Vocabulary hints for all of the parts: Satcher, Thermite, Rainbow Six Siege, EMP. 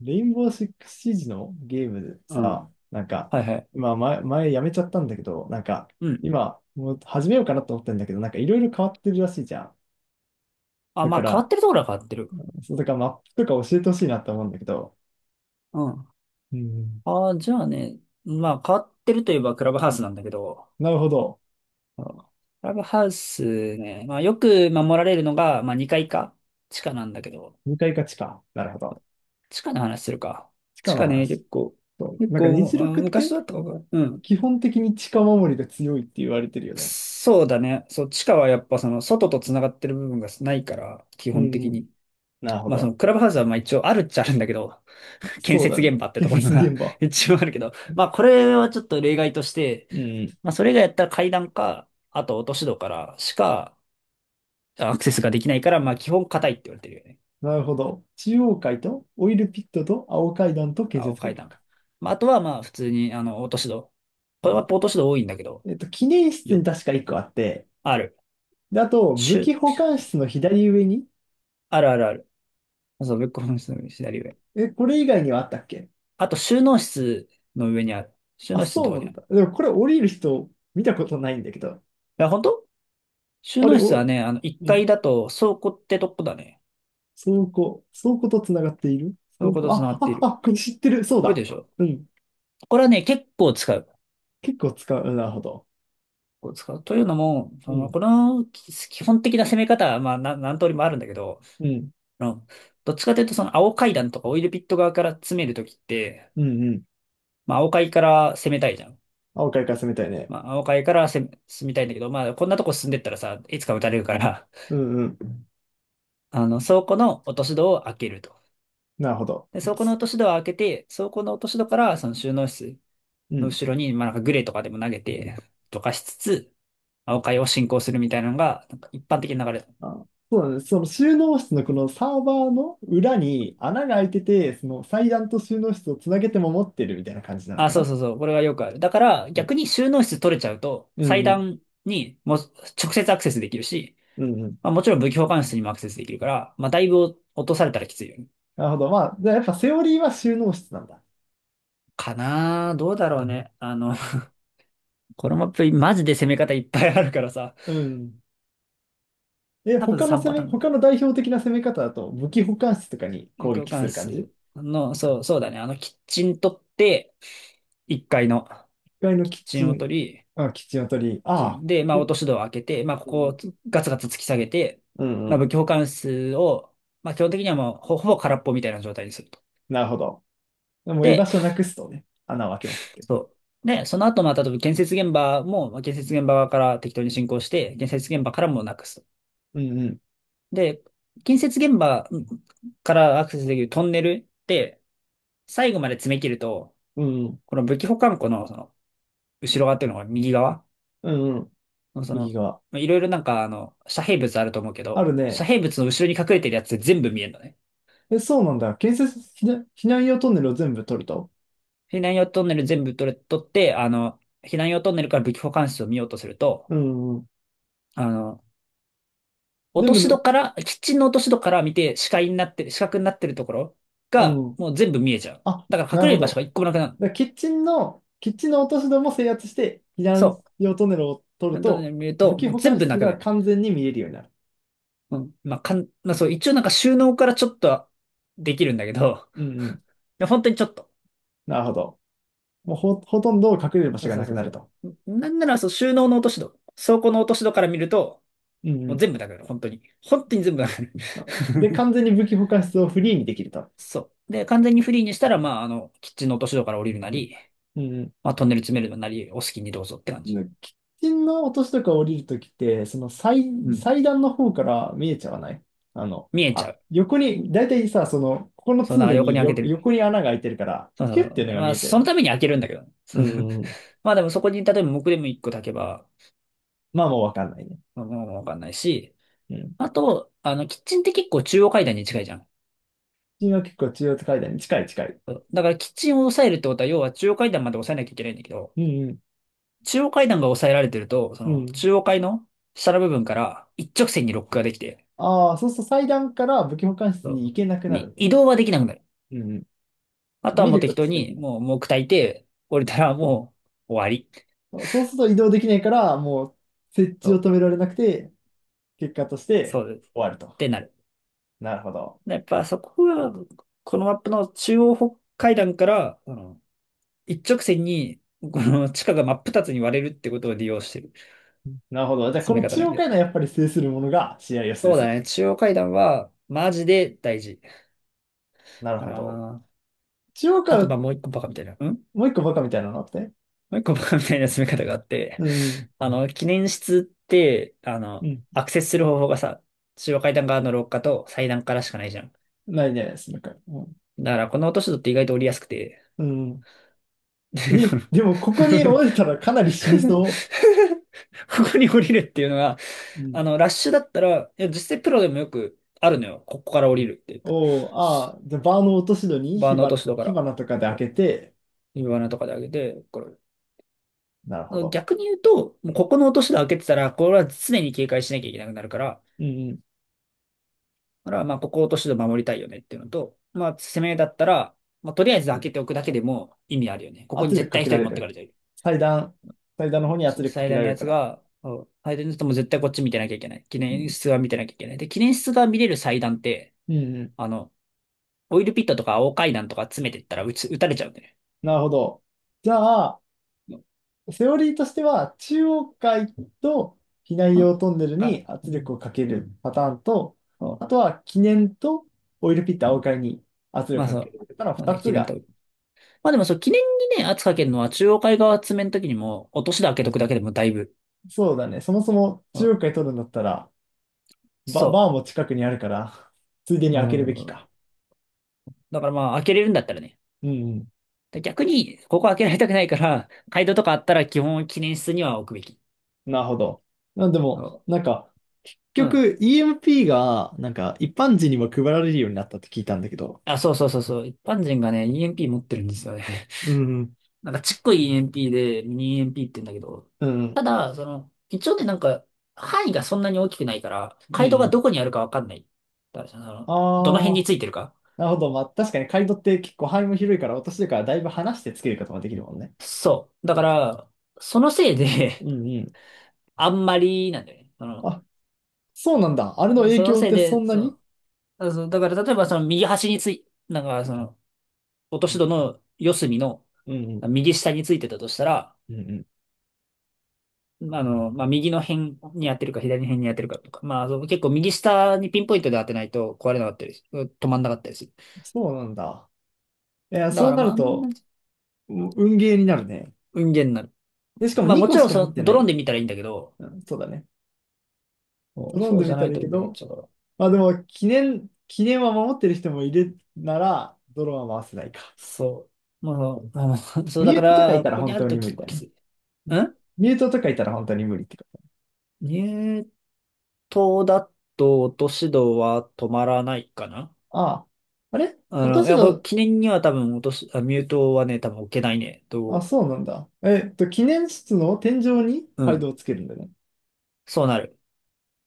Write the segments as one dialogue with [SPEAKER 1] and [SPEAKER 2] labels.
[SPEAKER 1] レインボーシックスシージのゲーム
[SPEAKER 2] う
[SPEAKER 1] さ、
[SPEAKER 2] ん。
[SPEAKER 1] なんか、
[SPEAKER 2] はいはい。
[SPEAKER 1] 今前、ま前やめちゃったんだけど、なんか、
[SPEAKER 2] うん。
[SPEAKER 1] 今、もう始めようかなと思ってんだけど、なんかいろいろ変わってるらしいじゃん。
[SPEAKER 2] あ、
[SPEAKER 1] だ
[SPEAKER 2] ま
[SPEAKER 1] か
[SPEAKER 2] あ変わっ
[SPEAKER 1] ら、
[SPEAKER 2] てるところは変わってる。
[SPEAKER 1] そうだからマップとか教えてほしいなって思うんだけど。
[SPEAKER 2] うん。
[SPEAKER 1] うん。
[SPEAKER 2] ああ、じゃあね、まあ変わってるといえばクラブハウスなんだけど、
[SPEAKER 1] なるほど。
[SPEAKER 2] うん。クラブハウスね、まあよく守られるのが、まあ2階か、地下なんだけど、
[SPEAKER 1] 向かいか地下。なるほど。
[SPEAKER 2] 地下の話するか。
[SPEAKER 1] 地下
[SPEAKER 2] 地
[SPEAKER 1] の
[SPEAKER 2] 下ね、
[SPEAKER 1] 話。
[SPEAKER 2] 結構、
[SPEAKER 1] そう。
[SPEAKER 2] 結
[SPEAKER 1] なんか
[SPEAKER 2] 構、
[SPEAKER 1] 虹六っ
[SPEAKER 2] 昔
[SPEAKER 1] て
[SPEAKER 2] だったかな。うん。
[SPEAKER 1] 基本的に地下守りが強いって言われてるよね。
[SPEAKER 2] そうだね。そう、地下はやっぱその外と繋がってる部分がないから、基
[SPEAKER 1] う
[SPEAKER 2] 本的
[SPEAKER 1] ん。
[SPEAKER 2] に。
[SPEAKER 1] なるほ
[SPEAKER 2] まあその
[SPEAKER 1] ど。
[SPEAKER 2] クラブハウスはまあ一応あるっちゃあるんだけど、建
[SPEAKER 1] そうだ
[SPEAKER 2] 設
[SPEAKER 1] ね。
[SPEAKER 2] 現場って
[SPEAKER 1] 建
[SPEAKER 2] ところ
[SPEAKER 1] 設
[SPEAKER 2] が
[SPEAKER 1] 現場。
[SPEAKER 2] 一応あるけど、まあこれはちょっと例外として、
[SPEAKER 1] うん。
[SPEAKER 2] まあそれ以外やったら階段か、あと落とし戸からしかアクセスができないから、まあ基本硬いって言われてるよね。
[SPEAKER 1] なるほど。中央階とオイルピットと青階段と建
[SPEAKER 2] 青
[SPEAKER 1] 設
[SPEAKER 2] 階
[SPEAKER 1] 現場
[SPEAKER 2] 段。
[SPEAKER 1] か。
[SPEAKER 2] まああとはまあ普通に落とし戸。
[SPEAKER 1] う
[SPEAKER 2] これは
[SPEAKER 1] ん。
[SPEAKER 2] 落とし戸多いんだけど、
[SPEAKER 1] えっと、記念室に
[SPEAKER 2] よ、
[SPEAKER 1] 確か1個あって、
[SPEAKER 2] ある。
[SPEAKER 1] で、あと、
[SPEAKER 2] し
[SPEAKER 1] 武器
[SPEAKER 2] ゅ
[SPEAKER 1] 保管室の左上に、
[SPEAKER 2] あるあるある。そう、ブックオフの左上。
[SPEAKER 1] え、これ以外にはあったっけ。
[SPEAKER 2] あと収納室の上にある。収
[SPEAKER 1] あ、
[SPEAKER 2] 納室の
[SPEAKER 1] そ
[SPEAKER 2] と
[SPEAKER 1] う
[SPEAKER 2] こ
[SPEAKER 1] な
[SPEAKER 2] ろにあ
[SPEAKER 1] ん
[SPEAKER 2] る。
[SPEAKER 1] だ。でもこれ降りる人見たことないんだけど。
[SPEAKER 2] いや、本当。収
[SPEAKER 1] あれ、
[SPEAKER 2] 納室は
[SPEAKER 1] お、
[SPEAKER 2] ね、あの1
[SPEAKER 1] う
[SPEAKER 2] 階
[SPEAKER 1] ん。
[SPEAKER 2] だと倉庫ってとこだね。
[SPEAKER 1] 倉庫、と繋がっている
[SPEAKER 2] 倉
[SPEAKER 1] 倉
[SPEAKER 2] 庫と
[SPEAKER 1] 庫、
[SPEAKER 2] 繋が
[SPEAKER 1] あ、
[SPEAKER 2] ってい
[SPEAKER 1] あ、
[SPEAKER 2] る。
[SPEAKER 1] あ、これ知ってる。そう
[SPEAKER 2] 多いで
[SPEAKER 1] だ。
[SPEAKER 2] しょ。
[SPEAKER 1] うん。
[SPEAKER 2] これはね、結構使う。結
[SPEAKER 1] 結構使う。うんなるほど。
[SPEAKER 2] 構使う。というのも、そ
[SPEAKER 1] う
[SPEAKER 2] の、
[SPEAKER 1] ん。
[SPEAKER 2] この基本的な攻め方は、まあ、何通りもあるんだけど、
[SPEAKER 1] うん。
[SPEAKER 2] あのどっちかというと、その、青階段とかオイルピット側から詰めるときって、
[SPEAKER 1] うんうん。
[SPEAKER 2] まあ、青階から攻めたいじゃん。
[SPEAKER 1] 青階から攻めたいね。
[SPEAKER 2] まあ、青階から攻め、進みたいんだけど、まあ、こんなとこ進んでったらさ、いつか撃たれるから、
[SPEAKER 1] うんうん。
[SPEAKER 2] あの、倉庫の落とし戸を開けると。
[SPEAKER 1] なるほど。
[SPEAKER 2] で、倉庫の落とし戸を開けて、倉庫の落とし戸から、その収納室
[SPEAKER 1] う
[SPEAKER 2] の
[SPEAKER 1] ん。
[SPEAKER 2] 後ろに、まあ、なんかグレーとかでも投げて、とかしつつ、青階を進行するみたいなのが、なんか一般的な流れ。
[SPEAKER 1] あ、そうなんです。その収納室のこのサーバーの裏に穴が開いてて、その祭壇と収納室をつなげて守ってるみたいな感じなの
[SPEAKER 2] あ、
[SPEAKER 1] か
[SPEAKER 2] そう
[SPEAKER 1] な。
[SPEAKER 2] そうそう。これはよくある。だから、
[SPEAKER 1] うん
[SPEAKER 2] 逆に収納室取れちゃうと、
[SPEAKER 1] う
[SPEAKER 2] 祭
[SPEAKER 1] んうん。
[SPEAKER 2] 壇にもう直接アクセスできるし、
[SPEAKER 1] うんうん。
[SPEAKER 2] まあ、もちろん武器保管室にもアクセスできるから、まあ、だいぶ落とされたらきついよね。
[SPEAKER 1] なるほど。まあ、じゃあやっぱセオリーは収納室なんだ。
[SPEAKER 2] かなあどうだろうね。あの、
[SPEAKER 1] うん。
[SPEAKER 2] このマップ、マジで攻め方いっぱいあるからさ、
[SPEAKER 1] うん。え、
[SPEAKER 2] 多分3パターンぐらい。
[SPEAKER 1] 他の代表的な攻め方だと武器保管室とかに
[SPEAKER 2] 武
[SPEAKER 1] 攻
[SPEAKER 2] 器保
[SPEAKER 1] 撃す
[SPEAKER 2] 管
[SPEAKER 1] る感じ？ 1
[SPEAKER 2] 室の、そう、そうだね。あの、キッチン取って、1階の
[SPEAKER 1] 階の
[SPEAKER 2] キッ
[SPEAKER 1] キッ
[SPEAKER 2] チ
[SPEAKER 1] チ
[SPEAKER 2] ンを
[SPEAKER 1] ン、
[SPEAKER 2] 取り、
[SPEAKER 1] あ、キッチンを取り、ああ、
[SPEAKER 2] で、ま
[SPEAKER 1] う
[SPEAKER 2] あ、
[SPEAKER 1] ん
[SPEAKER 2] 落とし戸を開けて、まあ、こ
[SPEAKER 1] う
[SPEAKER 2] こ
[SPEAKER 1] ん
[SPEAKER 2] をガツガツ突き下げて、
[SPEAKER 1] う
[SPEAKER 2] まあ、
[SPEAKER 1] ん。
[SPEAKER 2] 武器保管室を、まあ、基本的にはもうほぼ空っぽみたいな状態にすると。
[SPEAKER 1] なるほど。でもう居場
[SPEAKER 2] で、
[SPEAKER 1] 所なくすとね、穴を開けまくって。
[SPEAKER 2] そう。で、その後、まあ、例えば建設現場も、まあ建設現場側から適当に進行して、建設現場からもなくすと。
[SPEAKER 1] うんうん。
[SPEAKER 2] で、建設現場からアクセスできるトンネルって、最後まで詰め切ると、
[SPEAKER 1] うんうん。
[SPEAKER 2] この武器保管庫の、その後ろ側っていうのが右側
[SPEAKER 1] うんうん。
[SPEAKER 2] の、そ
[SPEAKER 1] 右
[SPEAKER 2] の、
[SPEAKER 1] 側。
[SPEAKER 2] まあいろいろなんか、あの、遮蔽物あると思うけ
[SPEAKER 1] ある
[SPEAKER 2] ど、遮
[SPEAKER 1] ね。
[SPEAKER 2] 蔽物の後ろに隠れてるやつ全部見えるのね。
[SPEAKER 1] え、そうなんだ。建設避難、避難用トンネルを全部取ると。
[SPEAKER 2] 避難用トンネル全部取れ、取って、あの、避難用トンネルから武器保管室を見ようとすると、
[SPEAKER 1] うんうん。
[SPEAKER 2] あの、落
[SPEAKER 1] 全
[SPEAKER 2] と
[SPEAKER 1] 部
[SPEAKER 2] し
[SPEAKER 1] の、
[SPEAKER 2] 戸から、キッチンの落とし戸から見て視覚になってるところ
[SPEAKER 1] う
[SPEAKER 2] が、
[SPEAKER 1] ん。
[SPEAKER 2] もう全部見えちゃう。
[SPEAKER 1] あ、
[SPEAKER 2] だから
[SPEAKER 1] なる
[SPEAKER 2] 隠れ
[SPEAKER 1] ほ
[SPEAKER 2] る場所が
[SPEAKER 1] ど。
[SPEAKER 2] 一個もなくなる。
[SPEAKER 1] だからキッチンの落とし戸も制圧して、避
[SPEAKER 2] そ
[SPEAKER 1] 難
[SPEAKER 2] う。
[SPEAKER 1] 用トンネルを取る
[SPEAKER 2] 本当に
[SPEAKER 1] と、
[SPEAKER 2] 見る
[SPEAKER 1] 武
[SPEAKER 2] と、
[SPEAKER 1] 器
[SPEAKER 2] もう
[SPEAKER 1] 保
[SPEAKER 2] 全
[SPEAKER 1] 管
[SPEAKER 2] 部
[SPEAKER 1] 室
[SPEAKER 2] なくな
[SPEAKER 1] が
[SPEAKER 2] る。
[SPEAKER 1] 完全に見えるようになる。
[SPEAKER 2] うん。まあ、まあそう、一応なんか収納からちょっとはできるんだけど、
[SPEAKER 1] うんうん。
[SPEAKER 2] いや本当にちょっと。
[SPEAKER 1] なるほど。もうほ、ほとんど隠れる場
[SPEAKER 2] そ
[SPEAKER 1] 所
[SPEAKER 2] う
[SPEAKER 1] が
[SPEAKER 2] そう
[SPEAKER 1] な
[SPEAKER 2] そ
[SPEAKER 1] く
[SPEAKER 2] う
[SPEAKER 1] なる
[SPEAKER 2] そ
[SPEAKER 1] と。
[SPEAKER 2] う。なんなら、そう、収納の落とし戸、倉庫の落とし戸から見ると、
[SPEAKER 1] うんう
[SPEAKER 2] もう
[SPEAKER 1] ん。
[SPEAKER 2] 全部なくなる。本当に。本当に全部なくな
[SPEAKER 1] なるほど。で、
[SPEAKER 2] る。
[SPEAKER 1] 完 全に武器保管室をフリーにできると。
[SPEAKER 2] そう。で、完全にフリーにしたら、まあ、あの、キッチンの落とし戸から降りるなり、
[SPEAKER 1] うんうん。
[SPEAKER 2] まあ、トンネル詰めるなり、お好きにどうぞって感
[SPEAKER 1] ッ
[SPEAKER 2] じ。
[SPEAKER 1] 喫煙の落としとか降りるときって、その祭
[SPEAKER 2] うん。
[SPEAKER 1] 最段の方から見えちゃわない。あの、
[SPEAKER 2] 見えちゃ
[SPEAKER 1] あ、
[SPEAKER 2] う。
[SPEAKER 1] 横に、だいたいさ、その、ここの
[SPEAKER 2] そう、
[SPEAKER 1] 通
[SPEAKER 2] なんか
[SPEAKER 1] 路
[SPEAKER 2] 横に
[SPEAKER 1] に
[SPEAKER 2] 開け
[SPEAKER 1] よ、
[SPEAKER 2] てる。
[SPEAKER 1] 横に穴が開いてるから、
[SPEAKER 2] そうそ
[SPEAKER 1] ヒュ
[SPEAKER 2] う
[SPEAKER 1] ッて
[SPEAKER 2] そ
[SPEAKER 1] いう
[SPEAKER 2] う。
[SPEAKER 1] の
[SPEAKER 2] で
[SPEAKER 1] が
[SPEAKER 2] ま
[SPEAKER 1] 見
[SPEAKER 2] あ、
[SPEAKER 1] えちゃう
[SPEAKER 2] そ
[SPEAKER 1] よ
[SPEAKER 2] の
[SPEAKER 1] ね。
[SPEAKER 2] ために開けるんだけど。
[SPEAKER 1] う ん、うん。
[SPEAKER 2] まあでもそこに、例えば木でも一個炊けば、
[SPEAKER 1] まあもうわかんないね。
[SPEAKER 2] まあもうわかんないし。
[SPEAKER 1] うん。
[SPEAKER 2] あと、あの、キッチンって結構中央階段に近いじゃん。
[SPEAKER 1] 君は結構中央階段に近い。
[SPEAKER 2] そうだからキッチンを抑えるってことは、要は中央階段まで抑えなきゃいけないんだけど、
[SPEAKER 1] うん、うん。
[SPEAKER 2] 中央階段が抑えられてると、そ
[SPEAKER 1] う
[SPEAKER 2] の
[SPEAKER 1] ん。
[SPEAKER 2] 中央階の下の部分から一直線にロックができて、
[SPEAKER 1] ああ、そうすると祭壇から武器保管室
[SPEAKER 2] そ
[SPEAKER 1] に行けなく
[SPEAKER 2] う
[SPEAKER 1] なる
[SPEAKER 2] に
[SPEAKER 1] んだ。
[SPEAKER 2] 移動はできなくなる。
[SPEAKER 1] うんうん。
[SPEAKER 2] あとは
[SPEAKER 1] 見
[SPEAKER 2] もう
[SPEAKER 1] るこ
[SPEAKER 2] 適
[SPEAKER 1] と
[SPEAKER 2] 当
[SPEAKER 1] しかでき
[SPEAKER 2] に、
[SPEAKER 1] ない。
[SPEAKER 2] もう、もう炊いて、降りたらもう終わり。
[SPEAKER 1] そうすると移動できないから、もう設
[SPEAKER 2] と、
[SPEAKER 1] 置を止められなくて、結果とし
[SPEAKER 2] そ
[SPEAKER 1] て
[SPEAKER 2] うです。
[SPEAKER 1] 終わる
[SPEAKER 2] っ
[SPEAKER 1] と。
[SPEAKER 2] てなる。
[SPEAKER 1] なるほど。
[SPEAKER 2] やっぱそこが、このマップの中央北海段から、あの、一直線に、この地下が真っ二つに割れるってことを利用してる。
[SPEAKER 1] なるほど。じゃあ、こ
[SPEAKER 2] 詰め
[SPEAKER 1] の
[SPEAKER 2] 方
[SPEAKER 1] 中
[SPEAKER 2] の
[SPEAKER 1] 央
[SPEAKER 2] 気が
[SPEAKER 1] 会
[SPEAKER 2] す
[SPEAKER 1] の
[SPEAKER 2] る。
[SPEAKER 1] やっぱり制するものが試合を制
[SPEAKER 2] そう
[SPEAKER 1] す
[SPEAKER 2] だ
[SPEAKER 1] る。
[SPEAKER 2] ね。中央階段は、マジで大事
[SPEAKER 1] なる
[SPEAKER 2] か
[SPEAKER 1] ほど。
[SPEAKER 2] な。
[SPEAKER 1] 中央
[SPEAKER 2] あと、ま
[SPEAKER 1] 階、
[SPEAKER 2] あ、もう一個バカみたいな。
[SPEAKER 1] もう一個バカみたいなのあって。
[SPEAKER 2] もう一個 バカみたいな進め方があって、
[SPEAKER 1] うん。
[SPEAKER 2] あの、記念室って、あ
[SPEAKER 1] う
[SPEAKER 2] の、
[SPEAKER 1] ん。
[SPEAKER 2] アクセスする方法がさ、中央階段側の廊下と祭壇からしかないじゃん。
[SPEAKER 1] ないね、そのか。うん。
[SPEAKER 2] だから、この落とし戸って意外と降りやすくて、
[SPEAKER 1] うん。
[SPEAKER 2] でこ
[SPEAKER 1] え、
[SPEAKER 2] の
[SPEAKER 1] でもここに折れ たらかなり死にそ
[SPEAKER 2] ここに降りるっていうのが、
[SPEAKER 1] う。う
[SPEAKER 2] あ
[SPEAKER 1] ん。
[SPEAKER 2] の、ラッシュだったら、いや、実際プロでもよくあるのよ。ここから降りるって。
[SPEAKER 1] おお、ああ、じゃあバーの落とし戸に
[SPEAKER 2] バーの落とし戸か
[SPEAKER 1] 火
[SPEAKER 2] ら、
[SPEAKER 1] 花とかで開けて、
[SPEAKER 2] 指輪のとかで上げて、これ。
[SPEAKER 1] なるほど。
[SPEAKER 2] 逆に言うと、
[SPEAKER 1] う
[SPEAKER 2] もう
[SPEAKER 1] ん
[SPEAKER 2] ここの落とし戸開けてたら、これは常に警戒しなきゃいけなくなるから、
[SPEAKER 1] うんうん。
[SPEAKER 2] だから、まあ、ここを落としで守りたいよねっていうのと、まあ、攻めだったら、まあ、とりあえず開けておくだけでも意味あるよね。ここ
[SPEAKER 1] 圧
[SPEAKER 2] に
[SPEAKER 1] 力
[SPEAKER 2] 絶
[SPEAKER 1] か
[SPEAKER 2] 対一
[SPEAKER 1] けら
[SPEAKER 2] 人
[SPEAKER 1] れ
[SPEAKER 2] 持って
[SPEAKER 1] る。
[SPEAKER 2] かれてる。
[SPEAKER 1] 祭壇、祭壇の方に圧力か
[SPEAKER 2] 最
[SPEAKER 1] けら
[SPEAKER 2] 大
[SPEAKER 1] れ
[SPEAKER 2] の
[SPEAKER 1] る
[SPEAKER 2] や
[SPEAKER 1] か
[SPEAKER 2] つ
[SPEAKER 1] ら。
[SPEAKER 2] が、そう最大のやつも絶対こっち見てなきゃいけない。記
[SPEAKER 1] う
[SPEAKER 2] 念
[SPEAKER 1] ん。
[SPEAKER 2] 室は見てなきゃいけない。で、記念室が見れる祭壇って、
[SPEAKER 1] うんうん。
[SPEAKER 2] あの、オイルピットとか青階段とか詰めてったら撃たれちゃうんだよ
[SPEAKER 1] なるほど。じゃあ、
[SPEAKER 2] ね。
[SPEAKER 1] セオリーとしては、中央階と避難
[SPEAKER 2] うん。
[SPEAKER 1] 用トンネル
[SPEAKER 2] あ、
[SPEAKER 1] に
[SPEAKER 2] う
[SPEAKER 1] 圧
[SPEAKER 2] ん。
[SPEAKER 1] 力をかけるパターンと、
[SPEAKER 2] そ
[SPEAKER 1] あとは記念とオイルピット青階に圧
[SPEAKER 2] まあ
[SPEAKER 1] 力をか
[SPEAKER 2] そ
[SPEAKER 1] け
[SPEAKER 2] う。
[SPEAKER 1] る。ただ
[SPEAKER 2] まあ
[SPEAKER 1] 2
[SPEAKER 2] ね、
[SPEAKER 1] つ
[SPEAKER 2] 記念と。
[SPEAKER 1] が、
[SPEAKER 2] まあでもそう、記念にね、圧かけるのは中央海側詰めの時にも、落としで開けとくだけでもだいぶ。
[SPEAKER 1] そうだね、そもそも
[SPEAKER 2] う
[SPEAKER 1] 中
[SPEAKER 2] ん。
[SPEAKER 1] 央階取るんだったら、
[SPEAKER 2] そ
[SPEAKER 1] バーも近くにあるから、ついでに
[SPEAKER 2] う。う
[SPEAKER 1] 開けるべきか。
[SPEAKER 2] ん。だからまあ、開けれるんだったらね。
[SPEAKER 1] うん
[SPEAKER 2] で逆に、ここ開けられたくないから、街道とかあったら基本記念室には置くべき。
[SPEAKER 1] うん、なるほど。なんでも、
[SPEAKER 2] そ
[SPEAKER 1] なんか、
[SPEAKER 2] う。う
[SPEAKER 1] 結
[SPEAKER 2] ん。
[SPEAKER 1] 局 EMP が、なんか一般人にも配られるようになったって聞いたんだけど。
[SPEAKER 2] あ、そうそうそうそう。一般人がね、EMP 持ってるんですよね。
[SPEAKER 1] うん
[SPEAKER 2] なんかちっこい EMP で、ミニ EMP って言うんだけど。
[SPEAKER 1] うん、うん
[SPEAKER 2] ただ、その、一応ね、なんか、範囲がそんなに大きくないから、
[SPEAKER 1] う
[SPEAKER 2] 街道が
[SPEAKER 1] ん。
[SPEAKER 2] どこにあるかわかんない。だからそ
[SPEAKER 1] あ
[SPEAKER 2] の、どの辺に
[SPEAKER 1] あ、
[SPEAKER 2] ついてるか。
[SPEAKER 1] なるほど。まあ、確かにカイドって結構範囲も広いから、私とからだいぶ離してつけることができるもんね。
[SPEAKER 2] そう。だから、そのせい
[SPEAKER 1] う
[SPEAKER 2] で
[SPEAKER 1] んうん。
[SPEAKER 2] あんまりなんだよね。その、
[SPEAKER 1] あ、そうなんだ。あれの影
[SPEAKER 2] その
[SPEAKER 1] 響っ
[SPEAKER 2] せい
[SPEAKER 1] てそ
[SPEAKER 2] で、
[SPEAKER 1] んな
[SPEAKER 2] そ
[SPEAKER 1] に。
[SPEAKER 2] う。そうだから例えばその右端につい、なんかその落と
[SPEAKER 1] う
[SPEAKER 2] し
[SPEAKER 1] ん
[SPEAKER 2] 戸の四隅の
[SPEAKER 1] うん。
[SPEAKER 2] 右下についてたとしたら、
[SPEAKER 1] うんうん。
[SPEAKER 2] あの、まあ、右の辺にやってるか左の辺にやってるかとか、まあ、そう結構右下にピンポイントで当てないと壊れなかったり止まんなかったりする。
[SPEAKER 1] そうなんだ。いや、
[SPEAKER 2] だ
[SPEAKER 1] そ
[SPEAKER 2] か
[SPEAKER 1] う
[SPEAKER 2] ら
[SPEAKER 1] な
[SPEAKER 2] まあ、
[SPEAKER 1] る
[SPEAKER 2] あんま
[SPEAKER 1] と、うん
[SPEAKER 2] り
[SPEAKER 1] 運ゲーになるね。
[SPEAKER 2] 運ゲーになる。
[SPEAKER 1] で、しかも
[SPEAKER 2] まあ
[SPEAKER 1] 2
[SPEAKER 2] も
[SPEAKER 1] 個
[SPEAKER 2] ち
[SPEAKER 1] し
[SPEAKER 2] ろん
[SPEAKER 1] か持
[SPEAKER 2] そ
[SPEAKER 1] っ
[SPEAKER 2] の
[SPEAKER 1] て
[SPEAKER 2] ド
[SPEAKER 1] な
[SPEAKER 2] ローン
[SPEAKER 1] い。
[SPEAKER 2] で見たらいいんだけど、
[SPEAKER 1] うん、そうだね。
[SPEAKER 2] そ
[SPEAKER 1] ド
[SPEAKER 2] う
[SPEAKER 1] ローン
[SPEAKER 2] そ
[SPEAKER 1] で
[SPEAKER 2] うじ
[SPEAKER 1] 見
[SPEAKER 2] ゃ
[SPEAKER 1] た
[SPEAKER 2] な
[SPEAKER 1] ら
[SPEAKER 2] い
[SPEAKER 1] いい
[SPEAKER 2] と
[SPEAKER 1] け
[SPEAKER 2] 運ゲーになっ
[SPEAKER 1] ど、
[SPEAKER 2] ちゃうから。
[SPEAKER 1] まあでも、記念は守ってる人もいるなら、ドローンは回せないか。
[SPEAKER 2] そう。まあ、あの そう
[SPEAKER 1] ミ
[SPEAKER 2] だ
[SPEAKER 1] ュー
[SPEAKER 2] か
[SPEAKER 1] トとかい
[SPEAKER 2] ら、
[SPEAKER 1] た
[SPEAKER 2] こ
[SPEAKER 1] ら
[SPEAKER 2] こに
[SPEAKER 1] 本
[SPEAKER 2] ある
[SPEAKER 1] 当に
[SPEAKER 2] と
[SPEAKER 1] 無
[SPEAKER 2] 結
[SPEAKER 1] 理
[SPEAKER 2] 構
[SPEAKER 1] だ
[SPEAKER 2] きつ
[SPEAKER 1] ね。
[SPEAKER 2] い。ん
[SPEAKER 1] ミュートとかいたら本当に無理ってこと。
[SPEAKER 2] 入刀だと落とし戸は止まらないかな。
[SPEAKER 1] ああ。あれ
[SPEAKER 2] あの、
[SPEAKER 1] 私
[SPEAKER 2] いや、これ
[SPEAKER 1] の。
[SPEAKER 2] 記念には多分落とす、あ、ミュートはね、多分置けないね。
[SPEAKER 1] あ、そ
[SPEAKER 2] と、
[SPEAKER 1] うなんだ。えっと、記念室の天井に
[SPEAKER 2] う
[SPEAKER 1] ガイド
[SPEAKER 2] ん。
[SPEAKER 1] をつけるんだね。
[SPEAKER 2] そうなる。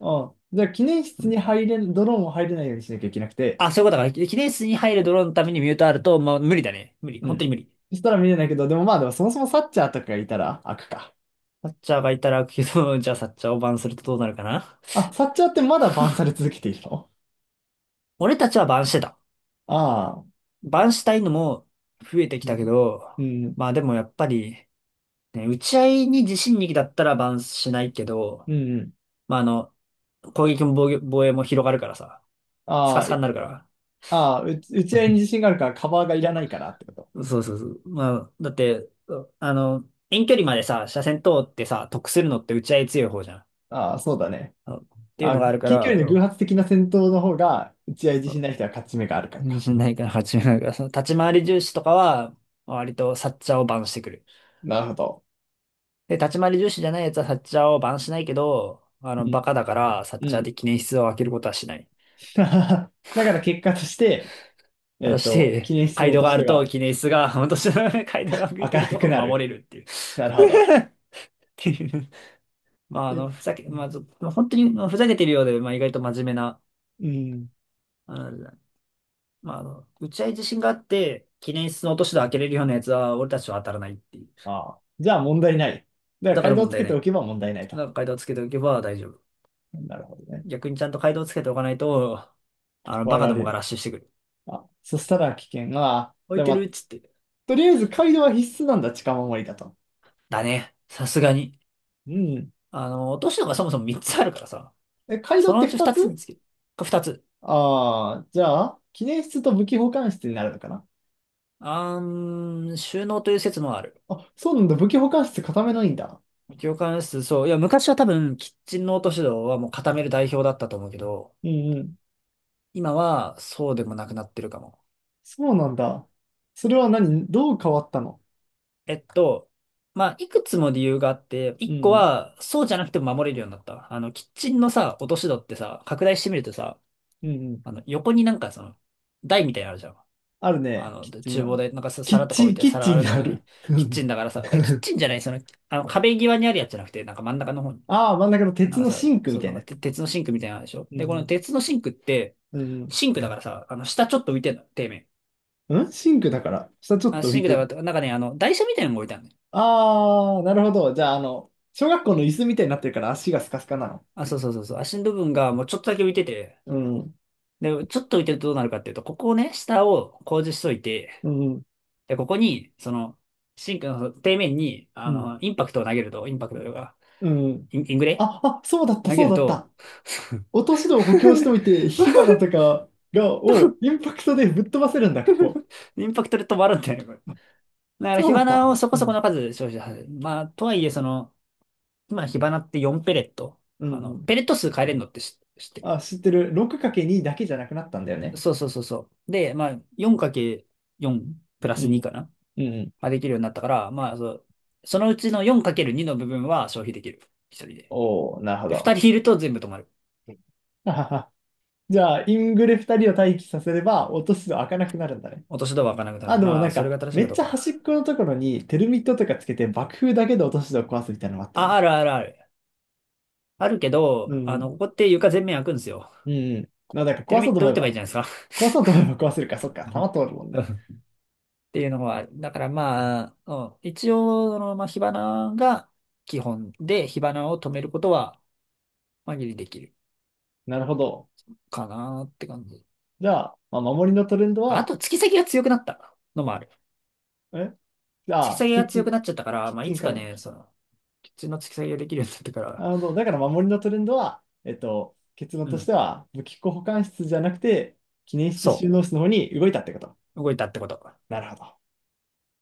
[SPEAKER 1] ああ。じゃあ、記念
[SPEAKER 2] う
[SPEAKER 1] 室
[SPEAKER 2] ん。
[SPEAKER 1] に入れん、ドローンを入れないようにしなきゃいけなくて。
[SPEAKER 2] あ、そういうことか。記念室に入るドローンのためにミュートあると、まあ、無理だね。無理。
[SPEAKER 1] う
[SPEAKER 2] 本当に
[SPEAKER 1] ん。
[SPEAKER 2] 無理。
[SPEAKER 1] そしたら見れないけど、でもまあ、でもそもそもサッチャーとかがいたら開くか。
[SPEAKER 2] サッチャーがいたら、けど、じゃあサッチャーをバンするとどうなるかな。
[SPEAKER 1] あ、サッチャーってまだバンされ続けているの。
[SPEAKER 2] 俺たちはバンしてた。
[SPEAKER 1] ああ。
[SPEAKER 2] バンしたいのも増えてき
[SPEAKER 1] う
[SPEAKER 2] たけ
[SPEAKER 1] ん。
[SPEAKER 2] ど、
[SPEAKER 1] うん。
[SPEAKER 2] まあでもやっぱり、ね、打ち合いに自信力だったらバンしないけど、
[SPEAKER 1] うん。
[SPEAKER 2] まああの、攻撃も防御防衛も広がるからさ、ス
[SPEAKER 1] あ
[SPEAKER 2] カス
[SPEAKER 1] あ、
[SPEAKER 2] カに
[SPEAKER 1] え。
[SPEAKER 2] なるから。
[SPEAKER 1] ああ、う打ち合いに自信があるからカバーがいらないからってこと。
[SPEAKER 2] そうそうそう。まあ、だって、あの、遠距離までさ、車線通ってさ、得するのって打ち合い強い方じゃん。
[SPEAKER 1] ああ、そうだね。
[SPEAKER 2] あっていうの
[SPEAKER 1] あ、
[SPEAKER 2] があるか
[SPEAKER 1] 近距
[SPEAKER 2] ら、
[SPEAKER 1] 離の偶発的な戦闘の方が、打ち合い自信ない人は勝ち目があるから
[SPEAKER 2] 自
[SPEAKER 1] か。
[SPEAKER 2] 信 ないから始めないから、その立ち回り重視とかは、割とサッチャーをバンしてくる。
[SPEAKER 1] なるほど。
[SPEAKER 2] で、立ち回り重視じゃないやつはサッチャーをバンしないけど、あ
[SPEAKER 1] う
[SPEAKER 2] の、
[SPEAKER 1] ん。
[SPEAKER 2] バカだから、サッ
[SPEAKER 1] う
[SPEAKER 2] チャーで
[SPEAKER 1] ん。
[SPEAKER 2] 記念室を開けることはしない。
[SPEAKER 1] だから結果として、
[SPEAKER 2] 果
[SPEAKER 1] え
[SPEAKER 2] た
[SPEAKER 1] っ
[SPEAKER 2] し
[SPEAKER 1] と、記
[SPEAKER 2] て、
[SPEAKER 1] 念室の
[SPEAKER 2] 街道
[SPEAKER 1] 落と
[SPEAKER 2] が
[SPEAKER 1] し
[SPEAKER 2] あ
[SPEAKER 1] 戸
[SPEAKER 2] ると、
[SPEAKER 1] が
[SPEAKER 2] 記念室が、本当に街道が開い
[SPEAKER 1] 開
[SPEAKER 2] て
[SPEAKER 1] か
[SPEAKER 2] る
[SPEAKER 1] なく
[SPEAKER 2] と
[SPEAKER 1] な
[SPEAKER 2] 守
[SPEAKER 1] る。
[SPEAKER 2] れるっていう。
[SPEAKER 1] なるほど。
[SPEAKER 2] まあ、あ
[SPEAKER 1] え、
[SPEAKER 2] の、ふざけ、まあ、ず本当にまあふざけてるようで、まあ、意外と真面目な、
[SPEAKER 1] うん。
[SPEAKER 2] あの、まあ、あの、打ち合い自信があって、記念室の落とし戸開けれるようなやつは、俺たちは当たらないっていう。
[SPEAKER 1] ああ。じゃあ問題ない。だから、
[SPEAKER 2] だか
[SPEAKER 1] 階
[SPEAKER 2] ら
[SPEAKER 1] 段を
[SPEAKER 2] 問
[SPEAKER 1] つ
[SPEAKER 2] 題
[SPEAKER 1] け
[SPEAKER 2] な
[SPEAKER 1] てお
[SPEAKER 2] い。
[SPEAKER 1] けば問題ない
[SPEAKER 2] だ
[SPEAKER 1] と。
[SPEAKER 2] から、回答つけておけば大丈夫。
[SPEAKER 1] なるほどね。
[SPEAKER 2] 逆にちゃんと回答つけておかないと、あの、バ
[SPEAKER 1] 割
[SPEAKER 2] カ
[SPEAKER 1] ら
[SPEAKER 2] ど
[SPEAKER 1] れ
[SPEAKER 2] もが
[SPEAKER 1] る。
[SPEAKER 2] ラッシュしてくる。
[SPEAKER 1] あ、そしたら危険が、
[SPEAKER 2] 置
[SPEAKER 1] じ
[SPEAKER 2] い
[SPEAKER 1] ゃあ
[SPEAKER 2] て
[SPEAKER 1] ま
[SPEAKER 2] る
[SPEAKER 1] あ、
[SPEAKER 2] っつって。
[SPEAKER 1] とりあえず街道は必須なんだ、近守りだと。
[SPEAKER 2] だね。さすがに。
[SPEAKER 1] うん。
[SPEAKER 2] あの、落とし戸がそもそも3つあるからさ、
[SPEAKER 1] え、街道
[SPEAKER 2] そ
[SPEAKER 1] っ
[SPEAKER 2] の
[SPEAKER 1] て
[SPEAKER 2] うち
[SPEAKER 1] 2
[SPEAKER 2] 2つ見
[SPEAKER 1] つ
[SPEAKER 2] つける。2つ。
[SPEAKER 1] ああー、じゃあ、記念室と武器保管室になるのかな。
[SPEAKER 2] あーん、収納という説もある。
[SPEAKER 1] あ、そうなんだ、武器保管室固めないんだ。
[SPEAKER 2] 業関数、そう。いや、昔は多分、キッチンノート指導はもう固める代表だったと思うけど、
[SPEAKER 1] うんうん。
[SPEAKER 2] 今はそうでもなくなってるかも。
[SPEAKER 1] そうなんだ。それは何どう変わったの。
[SPEAKER 2] えっと、まあ、いくつも理由があって、
[SPEAKER 1] う
[SPEAKER 2] 一個
[SPEAKER 1] ん、
[SPEAKER 2] は、そうじゃなくても守れるようになった。あの、キッチンのさ、落とし戸ってさ、拡大してみるとさ、
[SPEAKER 1] うん、うん。
[SPEAKER 2] あの、横になんかその、台みたいなのあるじゃん。
[SPEAKER 1] ある
[SPEAKER 2] あ
[SPEAKER 1] ね。
[SPEAKER 2] の、
[SPEAKER 1] キッ
[SPEAKER 2] で
[SPEAKER 1] チン
[SPEAKER 2] 厨房
[SPEAKER 1] の。
[SPEAKER 2] で、なんかさ皿とか置いて、
[SPEAKER 1] キッ
[SPEAKER 2] 皿
[SPEAKER 1] チ
[SPEAKER 2] あ
[SPEAKER 1] ン
[SPEAKER 2] るん
[SPEAKER 1] が
[SPEAKER 2] だ
[SPEAKER 1] あ
[SPEAKER 2] か
[SPEAKER 1] る。
[SPEAKER 2] ら、
[SPEAKER 1] う
[SPEAKER 2] キッチ
[SPEAKER 1] ん。
[SPEAKER 2] ンだからさ、キッチ ンじゃない、その、あの、壁際にあるやつじゃなくて、なんか真ん中の方に。
[SPEAKER 1] ああ、真ん中の
[SPEAKER 2] な
[SPEAKER 1] 鉄
[SPEAKER 2] んか
[SPEAKER 1] のシ
[SPEAKER 2] さ、
[SPEAKER 1] ンクみ
[SPEAKER 2] そう、
[SPEAKER 1] た
[SPEAKER 2] な
[SPEAKER 1] い
[SPEAKER 2] ん
[SPEAKER 1] な
[SPEAKER 2] か
[SPEAKER 1] や
[SPEAKER 2] て
[SPEAKER 1] つ。
[SPEAKER 2] 鉄のシンクみたいなのでしょ
[SPEAKER 1] う
[SPEAKER 2] で、この
[SPEAKER 1] ん、
[SPEAKER 2] 鉄のシンクって、
[SPEAKER 1] うん、
[SPEAKER 2] シンクだからさ、あの、下ちょっと浮いてんの、底面。
[SPEAKER 1] うん。んシンクだから、下ちょっ
[SPEAKER 2] あ、
[SPEAKER 1] と浮
[SPEAKER 2] シン
[SPEAKER 1] い
[SPEAKER 2] ク
[SPEAKER 1] てる。
[SPEAKER 2] だから、なんかね、あの、台車みたいなのが置いてあるのよ。
[SPEAKER 1] ああ、なるほど。じゃあ、あの、小学校の椅子みたいになってるから足がスカスカなの。
[SPEAKER 2] あ、そうそうそうそう。足の部分がもうちょっとだけ浮いてて、
[SPEAKER 1] うん、
[SPEAKER 2] で、ちょっと浮いてるとどうなるかっていうと、ここをね、下を工事しといて、
[SPEAKER 1] うん、
[SPEAKER 2] で、ここに、その、シンクの底面に、
[SPEAKER 1] う
[SPEAKER 2] あ
[SPEAKER 1] ん、
[SPEAKER 2] の、インパクトを投げると、インパクトとか、
[SPEAKER 1] うん。
[SPEAKER 2] イングレ
[SPEAKER 1] あ、そうだった、
[SPEAKER 2] 投げ
[SPEAKER 1] そう
[SPEAKER 2] る
[SPEAKER 1] だっ
[SPEAKER 2] と、
[SPEAKER 1] た。落とし戸を補強しておい て、火花とかが、をインパクトでぶっ飛ばせるんだ、ここ。
[SPEAKER 2] インパクトで止まるんだよね、これ。だから、
[SPEAKER 1] そう
[SPEAKER 2] 火
[SPEAKER 1] だった。
[SPEAKER 2] 花をそこ
[SPEAKER 1] う
[SPEAKER 2] そこ
[SPEAKER 1] ん。
[SPEAKER 2] の数消費させる。まあ、とはいえ、その、今、火花って4ペレット。
[SPEAKER 1] う
[SPEAKER 2] あ
[SPEAKER 1] んう
[SPEAKER 2] の、
[SPEAKER 1] ん。
[SPEAKER 2] ペレット数変えれるのって知ってる。
[SPEAKER 1] あ、知ってる。6×2 だけじゃなくなったんだよね。
[SPEAKER 2] そうそうそうそう。で、まあ、4×4 プラ
[SPEAKER 1] う
[SPEAKER 2] ス
[SPEAKER 1] ん、
[SPEAKER 2] 2かな
[SPEAKER 1] うんうん。
[SPEAKER 2] ができるようになったから、まあ、そう、そのうちの 4×2 の部分は消費できる。一人で。
[SPEAKER 1] おお、なるほ
[SPEAKER 2] で、二
[SPEAKER 1] ど。
[SPEAKER 2] 人いると全部止まる。
[SPEAKER 1] ははは。 じゃあ、イングレ2人を待機させれば、落とし戸開かなくなるんだね。
[SPEAKER 2] 落とし戸は開かなくな
[SPEAKER 1] あ、
[SPEAKER 2] る。
[SPEAKER 1] でも
[SPEAKER 2] ま
[SPEAKER 1] な
[SPEAKER 2] あ、
[SPEAKER 1] ん
[SPEAKER 2] それ
[SPEAKER 1] か、
[SPEAKER 2] が正しい
[SPEAKER 1] め
[SPEAKER 2] か
[SPEAKER 1] っ
[SPEAKER 2] どう
[SPEAKER 1] ちゃ端
[SPEAKER 2] か。
[SPEAKER 1] っこのところにテルミットとかつけて爆風だけで落とし戸を壊すみたいなのもあったよ
[SPEAKER 2] あ、
[SPEAKER 1] ね。
[SPEAKER 2] あるあるある。あるけ
[SPEAKER 1] う
[SPEAKER 2] ど、
[SPEAKER 1] ん。
[SPEAKER 2] あ
[SPEAKER 1] う
[SPEAKER 2] の、ここって床全面開くんですよ。
[SPEAKER 1] んうん。まあ、だから
[SPEAKER 2] テ
[SPEAKER 1] 壊
[SPEAKER 2] ルミ
[SPEAKER 1] そう
[SPEAKER 2] ッ
[SPEAKER 1] と
[SPEAKER 2] ト
[SPEAKER 1] 思
[SPEAKER 2] 打
[SPEAKER 1] え
[SPEAKER 2] てばいい
[SPEAKER 1] ば、
[SPEAKER 2] じゃないですか。
[SPEAKER 1] 壊そうと思えば壊せるか、そっか、弾通るもんね。
[SPEAKER 2] っていうのはある、だからまあ、うん、一応、その、まあ、火花が基本で、火花を止めることは、紛れできる
[SPEAKER 1] なるほど。
[SPEAKER 2] かなって感じ。
[SPEAKER 1] じゃあ、まあ、守りのトレンド
[SPEAKER 2] あ
[SPEAKER 1] は、
[SPEAKER 2] と、突き先が強くなったのもある。
[SPEAKER 1] え。じ
[SPEAKER 2] 突き
[SPEAKER 1] ゃあ、
[SPEAKER 2] 先が強くなっちゃったから、
[SPEAKER 1] キッ
[SPEAKER 2] まあ、
[SPEAKER 1] チ
[SPEAKER 2] い
[SPEAKER 1] ン
[SPEAKER 2] つ
[SPEAKER 1] か
[SPEAKER 2] か
[SPEAKER 1] らだ。
[SPEAKER 2] ね、その、普通の突き先ができるようになってから、
[SPEAKER 1] なるほど。だから守りのトレンドは、えっと、結論
[SPEAKER 2] う
[SPEAKER 1] とし
[SPEAKER 2] ん、
[SPEAKER 1] ては、武器庫保管室じゃなくて、記念室収
[SPEAKER 2] そ
[SPEAKER 1] 納室の方に動いたってこと。
[SPEAKER 2] う、動いたってこと。
[SPEAKER 1] なるほど。